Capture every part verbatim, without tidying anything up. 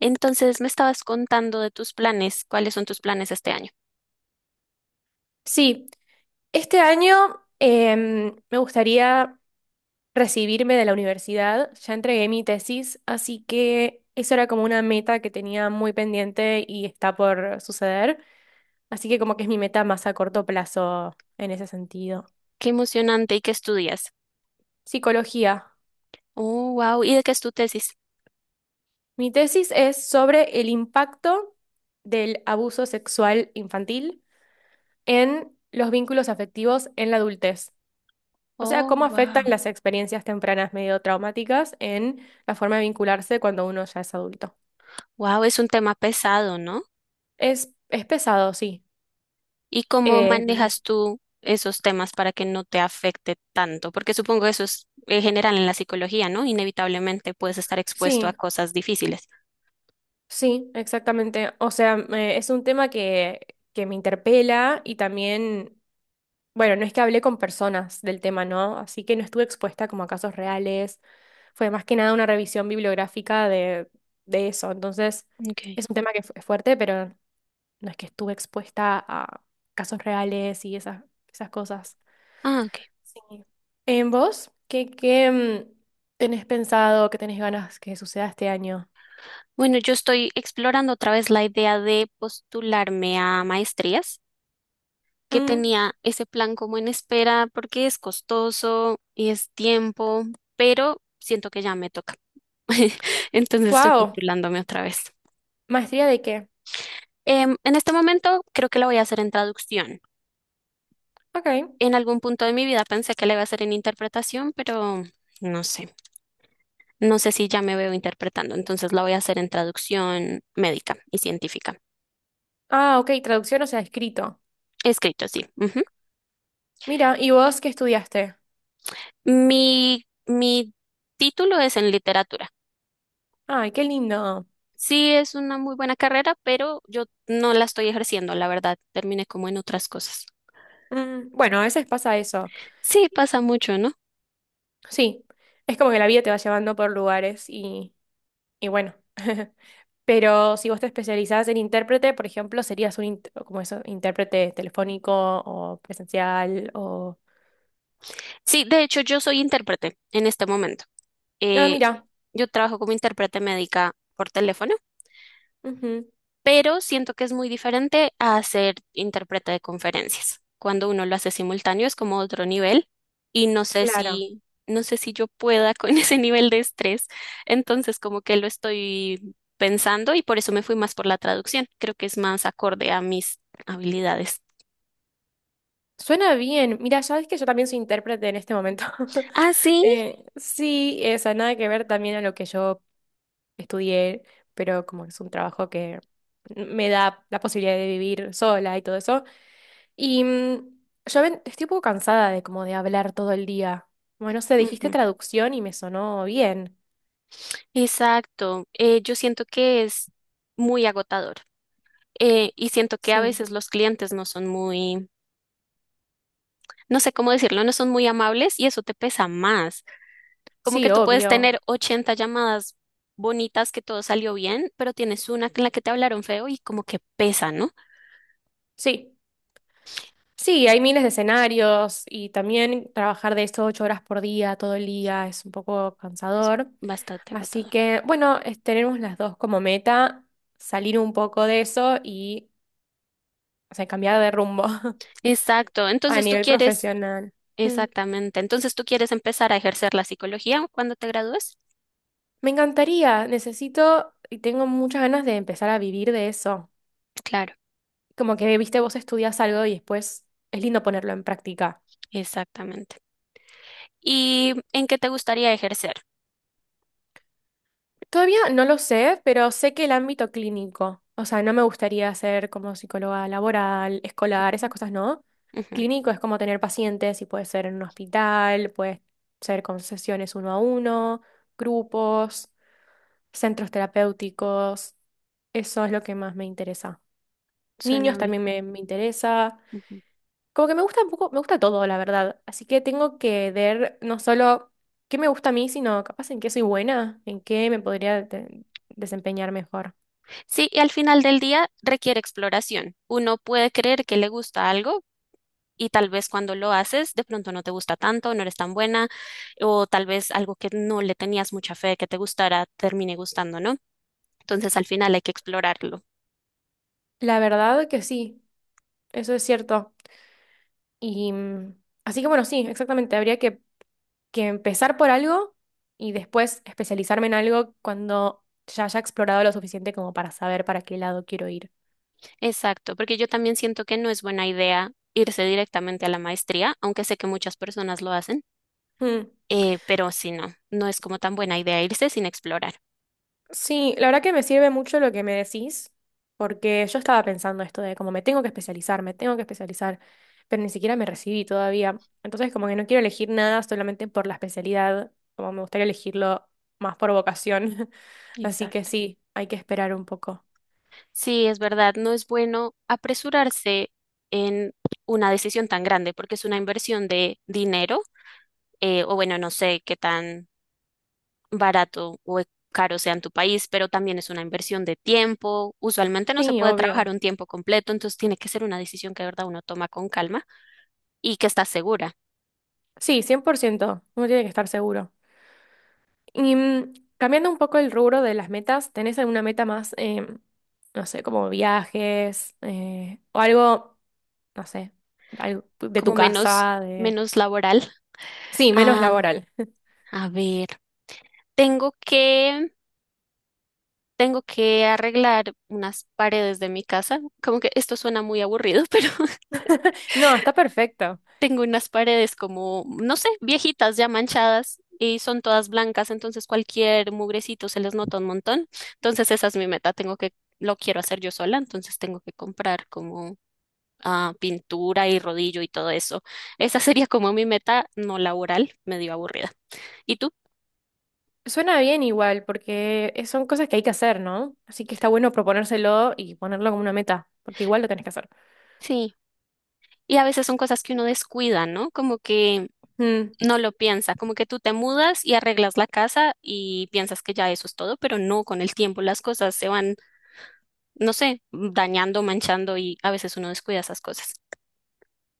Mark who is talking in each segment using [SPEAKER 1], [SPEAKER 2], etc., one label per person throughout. [SPEAKER 1] Entonces, me estabas contando de tus planes. ¿Cuáles son tus planes este año?
[SPEAKER 2] Sí, este año em, me gustaría recibirme de la universidad. Ya entregué mi tesis, así que eso era como una meta que tenía muy pendiente y está por suceder. Así que como que es mi meta más a corto plazo en ese sentido.
[SPEAKER 1] Qué emocionante y qué estudias.
[SPEAKER 2] Psicología.
[SPEAKER 1] Oh, wow. ¿Y de qué es tu tesis?
[SPEAKER 2] Mi tesis es sobre el impacto del abuso sexual infantil en los vínculos afectivos en la adultez. O sea,
[SPEAKER 1] Oh,
[SPEAKER 2] ¿cómo afectan
[SPEAKER 1] wow.
[SPEAKER 2] las experiencias tempranas medio traumáticas en la forma de vincularse cuando uno ya es adulto?
[SPEAKER 1] Wow, es un tema pesado, ¿no?
[SPEAKER 2] Es, es pesado, sí.
[SPEAKER 1] ¿Y cómo
[SPEAKER 2] Eh,
[SPEAKER 1] manejas tú esos temas para que no te afecte tanto? Porque supongo eso es eh, general en la psicología, ¿no? Inevitablemente puedes estar expuesto a
[SPEAKER 2] sí,
[SPEAKER 1] cosas difíciles.
[SPEAKER 2] sí, exactamente. O sea, me- es un tema que, que me interpela y también, bueno, no es que hablé con personas del tema, ¿no? Así que no estuve expuesta como a casos reales. Fue más que nada una revisión bibliográfica de, de eso. Entonces,
[SPEAKER 1] Okay.
[SPEAKER 2] es un tema que fu- es fuerte, pero no es que estuve expuesta a casos reales y esas, esas cosas.
[SPEAKER 1] Ah, ok.
[SPEAKER 2] Sí. ¿En vos? ¿Qué, qué mm, tenés pensado, qué tenés ganas que suceda este año?
[SPEAKER 1] Bueno, yo estoy explorando otra vez la idea de postularme a maestrías, que tenía ese plan como en espera porque es costoso y es tiempo, pero siento que ya me toca. Entonces estoy
[SPEAKER 2] Wow.
[SPEAKER 1] postulándome otra vez.
[SPEAKER 2] ¿Maestría de qué?
[SPEAKER 1] Em, en este momento creo que lo voy a hacer en traducción.
[SPEAKER 2] Ok.
[SPEAKER 1] En algún punto de mi vida pensé que la iba a hacer en interpretación, pero no sé. No sé si ya me veo interpretando. Entonces la voy a hacer en traducción médica y científica.
[SPEAKER 2] Ah, ok, traducción, o sea, escrito.
[SPEAKER 1] Escrito, sí. Ujú.
[SPEAKER 2] Mira, ¿y vos qué estudiaste?
[SPEAKER 1] Mi, mi título es en literatura.
[SPEAKER 2] Ay, qué lindo.
[SPEAKER 1] Sí, es una muy buena carrera, pero yo no la estoy ejerciendo, la verdad. Terminé como en otras cosas.
[SPEAKER 2] Mm, bueno, a veces pasa eso.
[SPEAKER 1] Sí, pasa mucho, ¿no?
[SPEAKER 2] Sí, es como que la vida te va llevando por lugares y Y bueno, pero si vos te especializás en intérprete, por ejemplo, serías un int- como eso, intérprete telefónico o presencial o...
[SPEAKER 1] Sí, de hecho, yo soy intérprete en este momento.
[SPEAKER 2] Ah,
[SPEAKER 1] Eh,
[SPEAKER 2] mira.
[SPEAKER 1] yo trabajo como intérprete médica por teléfono.
[SPEAKER 2] Ujú.
[SPEAKER 1] Pero siento que es muy diferente a hacer intérprete de conferencias. Cuando uno lo hace simultáneo es como otro nivel y no sé
[SPEAKER 2] Claro.
[SPEAKER 1] si, no sé si yo pueda con ese nivel de estrés, entonces como que lo estoy pensando y por eso me fui más por la traducción. Creo que es más acorde a mis habilidades.
[SPEAKER 2] Suena bien. Mira, sabes que yo también soy intérprete en este momento.
[SPEAKER 1] Ah, sí.
[SPEAKER 2] Eh, sí, esa nada que ver también a lo que yo estudié, pero como es un trabajo que me da la posibilidad de vivir sola y todo eso. Y mm, yo ven- estoy un poco cansada de como de hablar todo el día. Bueno, no sé, dijiste
[SPEAKER 1] Ujú.
[SPEAKER 2] traducción y me sonó bien.
[SPEAKER 1] Exacto. Eh, yo siento que es muy agotador, eh, y siento que a
[SPEAKER 2] Sí,
[SPEAKER 1] veces los clientes no son muy... No sé cómo decirlo, no son muy amables y eso te pesa más. Como que
[SPEAKER 2] sí,
[SPEAKER 1] tú puedes
[SPEAKER 2] obvio.
[SPEAKER 1] tener ochenta llamadas bonitas que todo salió bien, pero tienes una en la que te hablaron feo y como que pesa, ¿no?
[SPEAKER 2] Sí, sí, hay miles de escenarios y también trabajar de esto ocho horas por día, todo el día, es un poco
[SPEAKER 1] Es
[SPEAKER 2] cansador.
[SPEAKER 1] bastante
[SPEAKER 2] Así
[SPEAKER 1] agotador.
[SPEAKER 2] que, bueno, es- tenemos las dos como meta, salir un poco de eso y, o sea, cambiar de rumbo
[SPEAKER 1] Exacto.
[SPEAKER 2] a
[SPEAKER 1] Entonces tú
[SPEAKER 2] nivel
[SPEAKER 1] quieres,
[SPEAKER 2] profesional. Mm.
[SPEAKER 1] exactamente. Entonces tú quieres empezar a ejercer la psicología cuando te gradúes.
[SPEAKER 2] Me encantaría, necesito y tengo muchas ganas de empezar a vivir de eso.
[SPEAKER 1] Claro,
[SPEAKER 2] Como que, viste, vos estudias algo y después es lindo ponerlo en práctica.
[SPEAKER 1] exactamente. ¿Y en qué te gustaría ejercer?
[SPEAKER 2] Todavía no lo sé, pero sé que el ámbito clínico, o sea, no me gustaría ser como psicóloga laboral, escolar, esas cosas no.
[SPEAKER 1] Ujú.
[SPEAKER 2] Clínico es como tener pacientes y puede ser en un hospital, puede ser con sesiones uno a uno, grupos, centros terapéuticos. Eso es lo que más me interesa.
[SPEAKER 1] Suena
[SPEAKER 2] Niños
[SPEAKER 1] bien.
[SPEAKER 2] también me, me interesa.
[SPEAKER 1] Ujú.
[SPEAKER 2] Como que me gusta un poco, me gusta todo, la verdad. Así que tengo que ver no solo qué me gusta a mí, sino capaz en qué soy buena, en qué me podría de- desempeñar mejor.
[SPEAKER 1] Sí, y al final del día requiere exploración. Uno puede creer que le gusta algo, y tal vez cuando lo haces de pronto no te gusta tanto, no eres tan buena o tal vez algo que no le tenías mucha fe de que te gustara termine gustando, ¿no? Entonces al final hay que explorarlo.
[SPEAKER 2] La verdad que sí, eso es cierto. Y mm, así que bueno, sí, exactamente. Habría que, que empezar por algo y después especializarme en algo cuando ya haya explorado lo suficiente como para saber para qué lado quiero ir.
[SPEAKER 1] Exacto, porque yo también siento que no es buena idea irse directamente a la maestría, aunque sé que muchas personas lo hacen,
[SPEAKER 2] Mm.
[SPEAKER 1] eh, pero sí, no, no es como tan buena idea irse sin explorar.
[SPEAKER 2] Sí, la verdad que me sirve mucho lo que me decís, porque yo estaba pensando esto de como me tengo que especializar, me tengo que especializar, pero ni siquiera me recibí todavía. Entonces como que no quiero elegir nada solamente por la especialidad, como me gustaría elegirlo más por vocación. Así que
[SPEAKER 1] Exacto.
[SPEAKER 2] sí, hay que esperar un poco.
[SPEAKER 1] Sí, es verdad, no es bueno apresurarse en una decisión tan grande porque es una inversión de dinero, eh, o bueno, no sé qué tan barato o e- caro sea en tu país, pero también es una inversión de tiempo. Usualmente no se
[SPEAKER 2] Sí,
[SPEAKER 1] puede trabajar
[SPEAKER 2] obvio.
[SPEAKER 1] un tiempo completo, entonces tiene que ser una decisión que de verdad uno toma con calma y que está segura,
[SPEAKER 2] Sí, cien por ciento. Uno tiene que estar seguro. Y mm, cambiando un poco el rubro de las metas, ¿tenés alguna meta más, eh, no sé, como viajes, eh, o algo, no sé, algo de tu
[SPEAKER 1] como menos,
[SPEAKER 2] casa, de...?
[SPEAKER 1] menos laboral.
[SPEAKER 2] Sí, menos
[SPEAKER 1] Am,
[SPEAKER 2] laboral.
[SPEAKER 1] a ver, tengo que, tengo que arreglar unas paredes de mi casa. Como que esto suena muy aburrido, pero
[SPEAKER 2] No, está perfecto.
[SPEAKER 1] tengo unas paredes como, no sé, viejitas ya manchadas y son todas blancas, entonces cualquier mugrecito se les nota un montón. Entonces esa es mi meta, tengo que, lo quiero hacer yo sola, entonces tengo que comprar como ah, pintura y rodillo y todo eso. Esa sería como mi meta no laboral, medio aburrida. ¿Y tú?
[SPEAKER 2] Suena bien igual, porque es- son cosas que hay que hacer, ¿no? Así que está bueno proponérselo y ponerlo como una meta, porque igual lo tenés que hacer.
[SPEAKER 1] Sí. Y a veces son cosas que uno descuida, ¿no? Como que
[SPEAKER 2] Mm,
[SPEAKER 1] no lo piensa, como que tú te mudas y arreglas la casa y piensas que ya eso es todo, pero no, con el tiempo las cosas se van no sé, dañando, manchando y a veces uno descuida esas cosas.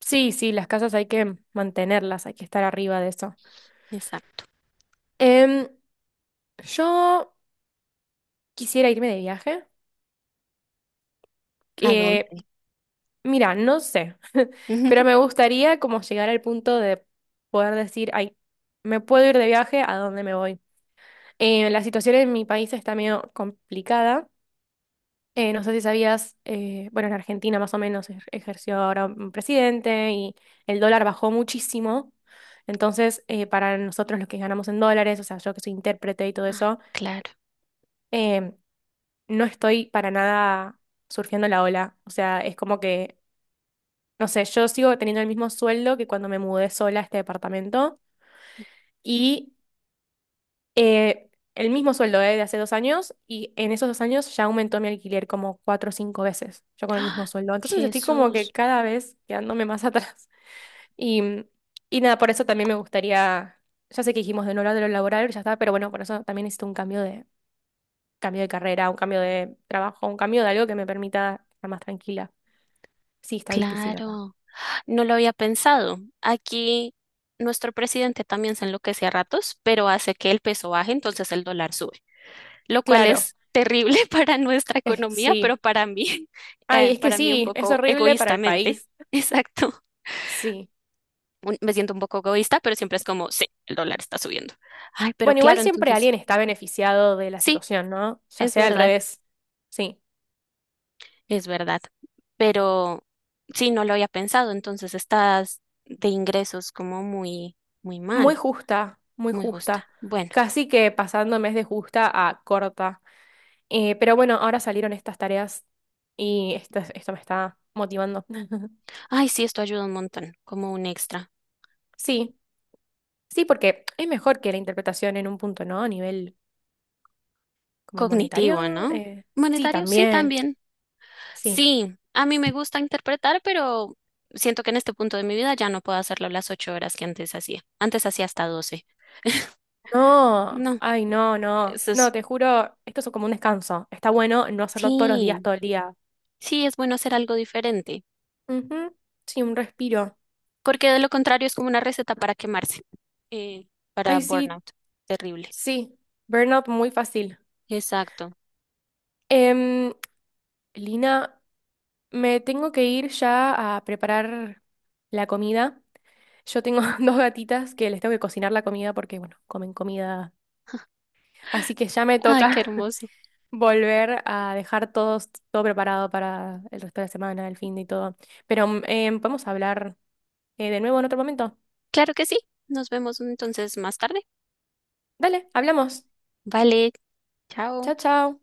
[SPEAKER 2] sí, sí, las casas hay que mantenerlas, hay que estar arriba de eso.
[SPEAKER 1] Exacto.
[SPEAKER 2] Em, yo quisiera irme de viaje.
[SPEAKER 1] ¿A
[SPEAKER 2] Que
[SPEAKER 1] dónde?
[SPEAKER 2] Mira, no sé,
[SPEAKER 1] Ujú.
[SPEAKER 2] pero me gustaría como llegar al punto de poder decir, ay, me puedo ir de viaje, ¿a dónde me voy? Eh, la situación en mi país está medio complicada. Eh, no sé si sabías, eh, bueno, en Argentina más o menos ej- ejerció ahora un presidente y el dólar bajó muchísimo. Entonces, eh, para nosotros los que ganamos en dólares, o sea, yo que soy intérprete y todo
[SPEAKER 1] Ay,
[SPEAKER 2] eso,
[SPEAKER 1] claro.
[SPEAKER 2] eh, no estoy para nada surfeando la ola. O sea, es como que no sé, yo sigo teniendo el mismo sueldo que cuando me mudé sola a este departamento y eh, el mismo sueldo eh, de hace dos años y en esos dos años ya aumentó mi alquiler como cuatro o cinco veces, yo con el mismo
[SPEAKER 1] ¡Ah!
[SPEAKER 2] sueldo. Entonces estoy como que
[SPEAKER 1] Jesús,
[SPEAKER 2] cada vez quedándome más atrás. Y, y nada, por eso también me gustaría, ya sé que dijimos de no hablar de lo laboral, ya está, pero bueno, por eso también necesito un cambio de, cambio de carrera, un cambio de trabajo, un cambio de algo que me permita estar más tranquila. Sí, está difícil acá.
[SPEAKER 1] claro. No lo había pensado. Aquí nuestro presidente también se enloquece a ratos, pero hace que el peso baje, entonces el dólar sube, lo cual
[SPEAKER 2] Claro,
[SPEAKER 1] es terrible para nuestra
[SPEAKER 2] eh,
[SPEAKER 1] economía,
[SPEAKER 2] sí.
[SPEAKER 1] pero para mí,
[SPEAKER 2] Ay,
[SPEAKER 1] eh,
[SPEAKER 2] es que
[SPEAKER 1] para mí un
[SPEAKER 2] sí, es
[SPEAKER 1] poco
[SPEAKER 2] horrible para el
[SPEAKER 1] egoístamente.
[SPEAKER 2] país.
[SPEAKER 1] Exacto.
[SPEAKER 2] Sí.
[SPEAKER 1] Un- Me siento un poco egoísta, pero siempre es como, sí, el dólar está subiendo. Ay, pero
[SPEAKER 2] Bueno, igual
[SPEAKER 1] claro,
[SPEAKER 2] siempre
[SPEAKER 1] entonces.
[SPEAKER 2] alguien está beneficiado de la
[SPEAKER 1] Sí,
[SPEAKER 2] situación, ¿no? Ya
[SPEAKER 1] es
[SPEAKER 2] sea al
[SPEAKER 1] verdad,
[SPEAKER 2] revés. Sí.
[SPEAKER 1] es verdad. Pero sí, no lo había pensado, entonces estás de ingresos como muy, muy
[SPEAKER 2] Muy
[SPEAKER 1] mal,
[SPEAKER 2] justa, muy
[SPEAKER 1] muy justa.
[SPEAKER 2] justa.
[SPEAKER 1] Bueno,
[SPEAKER 2] Casi que pasando en de justa a corta. Eh, pero bueno, ahora salieron estas tareas y esto, esto me está motivando.
[SPEAKER 1] ay, sí, esto ayuda un montón, como un extra
[SPEAKER 2] Sí, sí, porque es mejor que la interpretación en un punto, ¿no? A nivel como
[SPEAKER 1] cognitivo,
[SPEAKER 2] monetario.
[SPEAKER 1] ¿no?
[SPEAKER 2] eh, sí,
[SPEAKER 1] Monetario, sí,
[SPEAKER 2] también.
[SPEAKER 1] también.
[SPEAKER 2] Sí.
[SPEAKER 1] Sí, a mí me gusta interpretar, pero siento que en este punto de mi vida ya no puedo hacerlo las ocho horas que antes hacía. Antes hacía hasta doce.
[SPEAKER 2] No,
[SPEAKER 1] No,
[SPEAKER 2] ay, no, no.
[SPEAKER 1] eso
[SPEAKER 2] No,
[SPEAKER 1] es,
[SPEAKER 2] te juro, esto es como un descanso. Está bueno no hacerlo todos los días,
[SPEAKER 1] sí,
[SPEAKER 2] todo el día.
[SPEAKER 1] sí, es bueno hacer algo diferente.
[SPEAKER 2] Ujú. Sí, un respiro.
[SPEAKER 1] Porque de lo contrario es como una receta para quemarse, eh, para
[SPEAKER 2] Ay, sí,
[SPEAKER 1] burnout. Terrible.
[SPEAKER 2] sí. Burnout muy fácil.
[SPEAKER 1] Exacto.
[SPEAKER 2] Em, Lina, me tengo que ir ya a preparar la comida. Yo tengo dos gatitas que les tengo que cocinar la comida porque, bueno, comen comida. Así que ya me
[SPEAKER 1] Ay, qué
[SPEAKER 2] toca
[SPEAKER 1] hermoso.
[SPEAKER 2] volver a dejar todo, todo preparado para el resto de la semana, el fin de y todo. Pero mm, eh, podemos hablar eh, de nuevo en otro momento.
[SPEAKER 1] Claro que sí. Nos vemos entonces más tarde.
[SPEAKER 2] Dale, hablamos.
[SPEAKER 1] Vale, chao.
[SPEAKER 2] Chao, chao.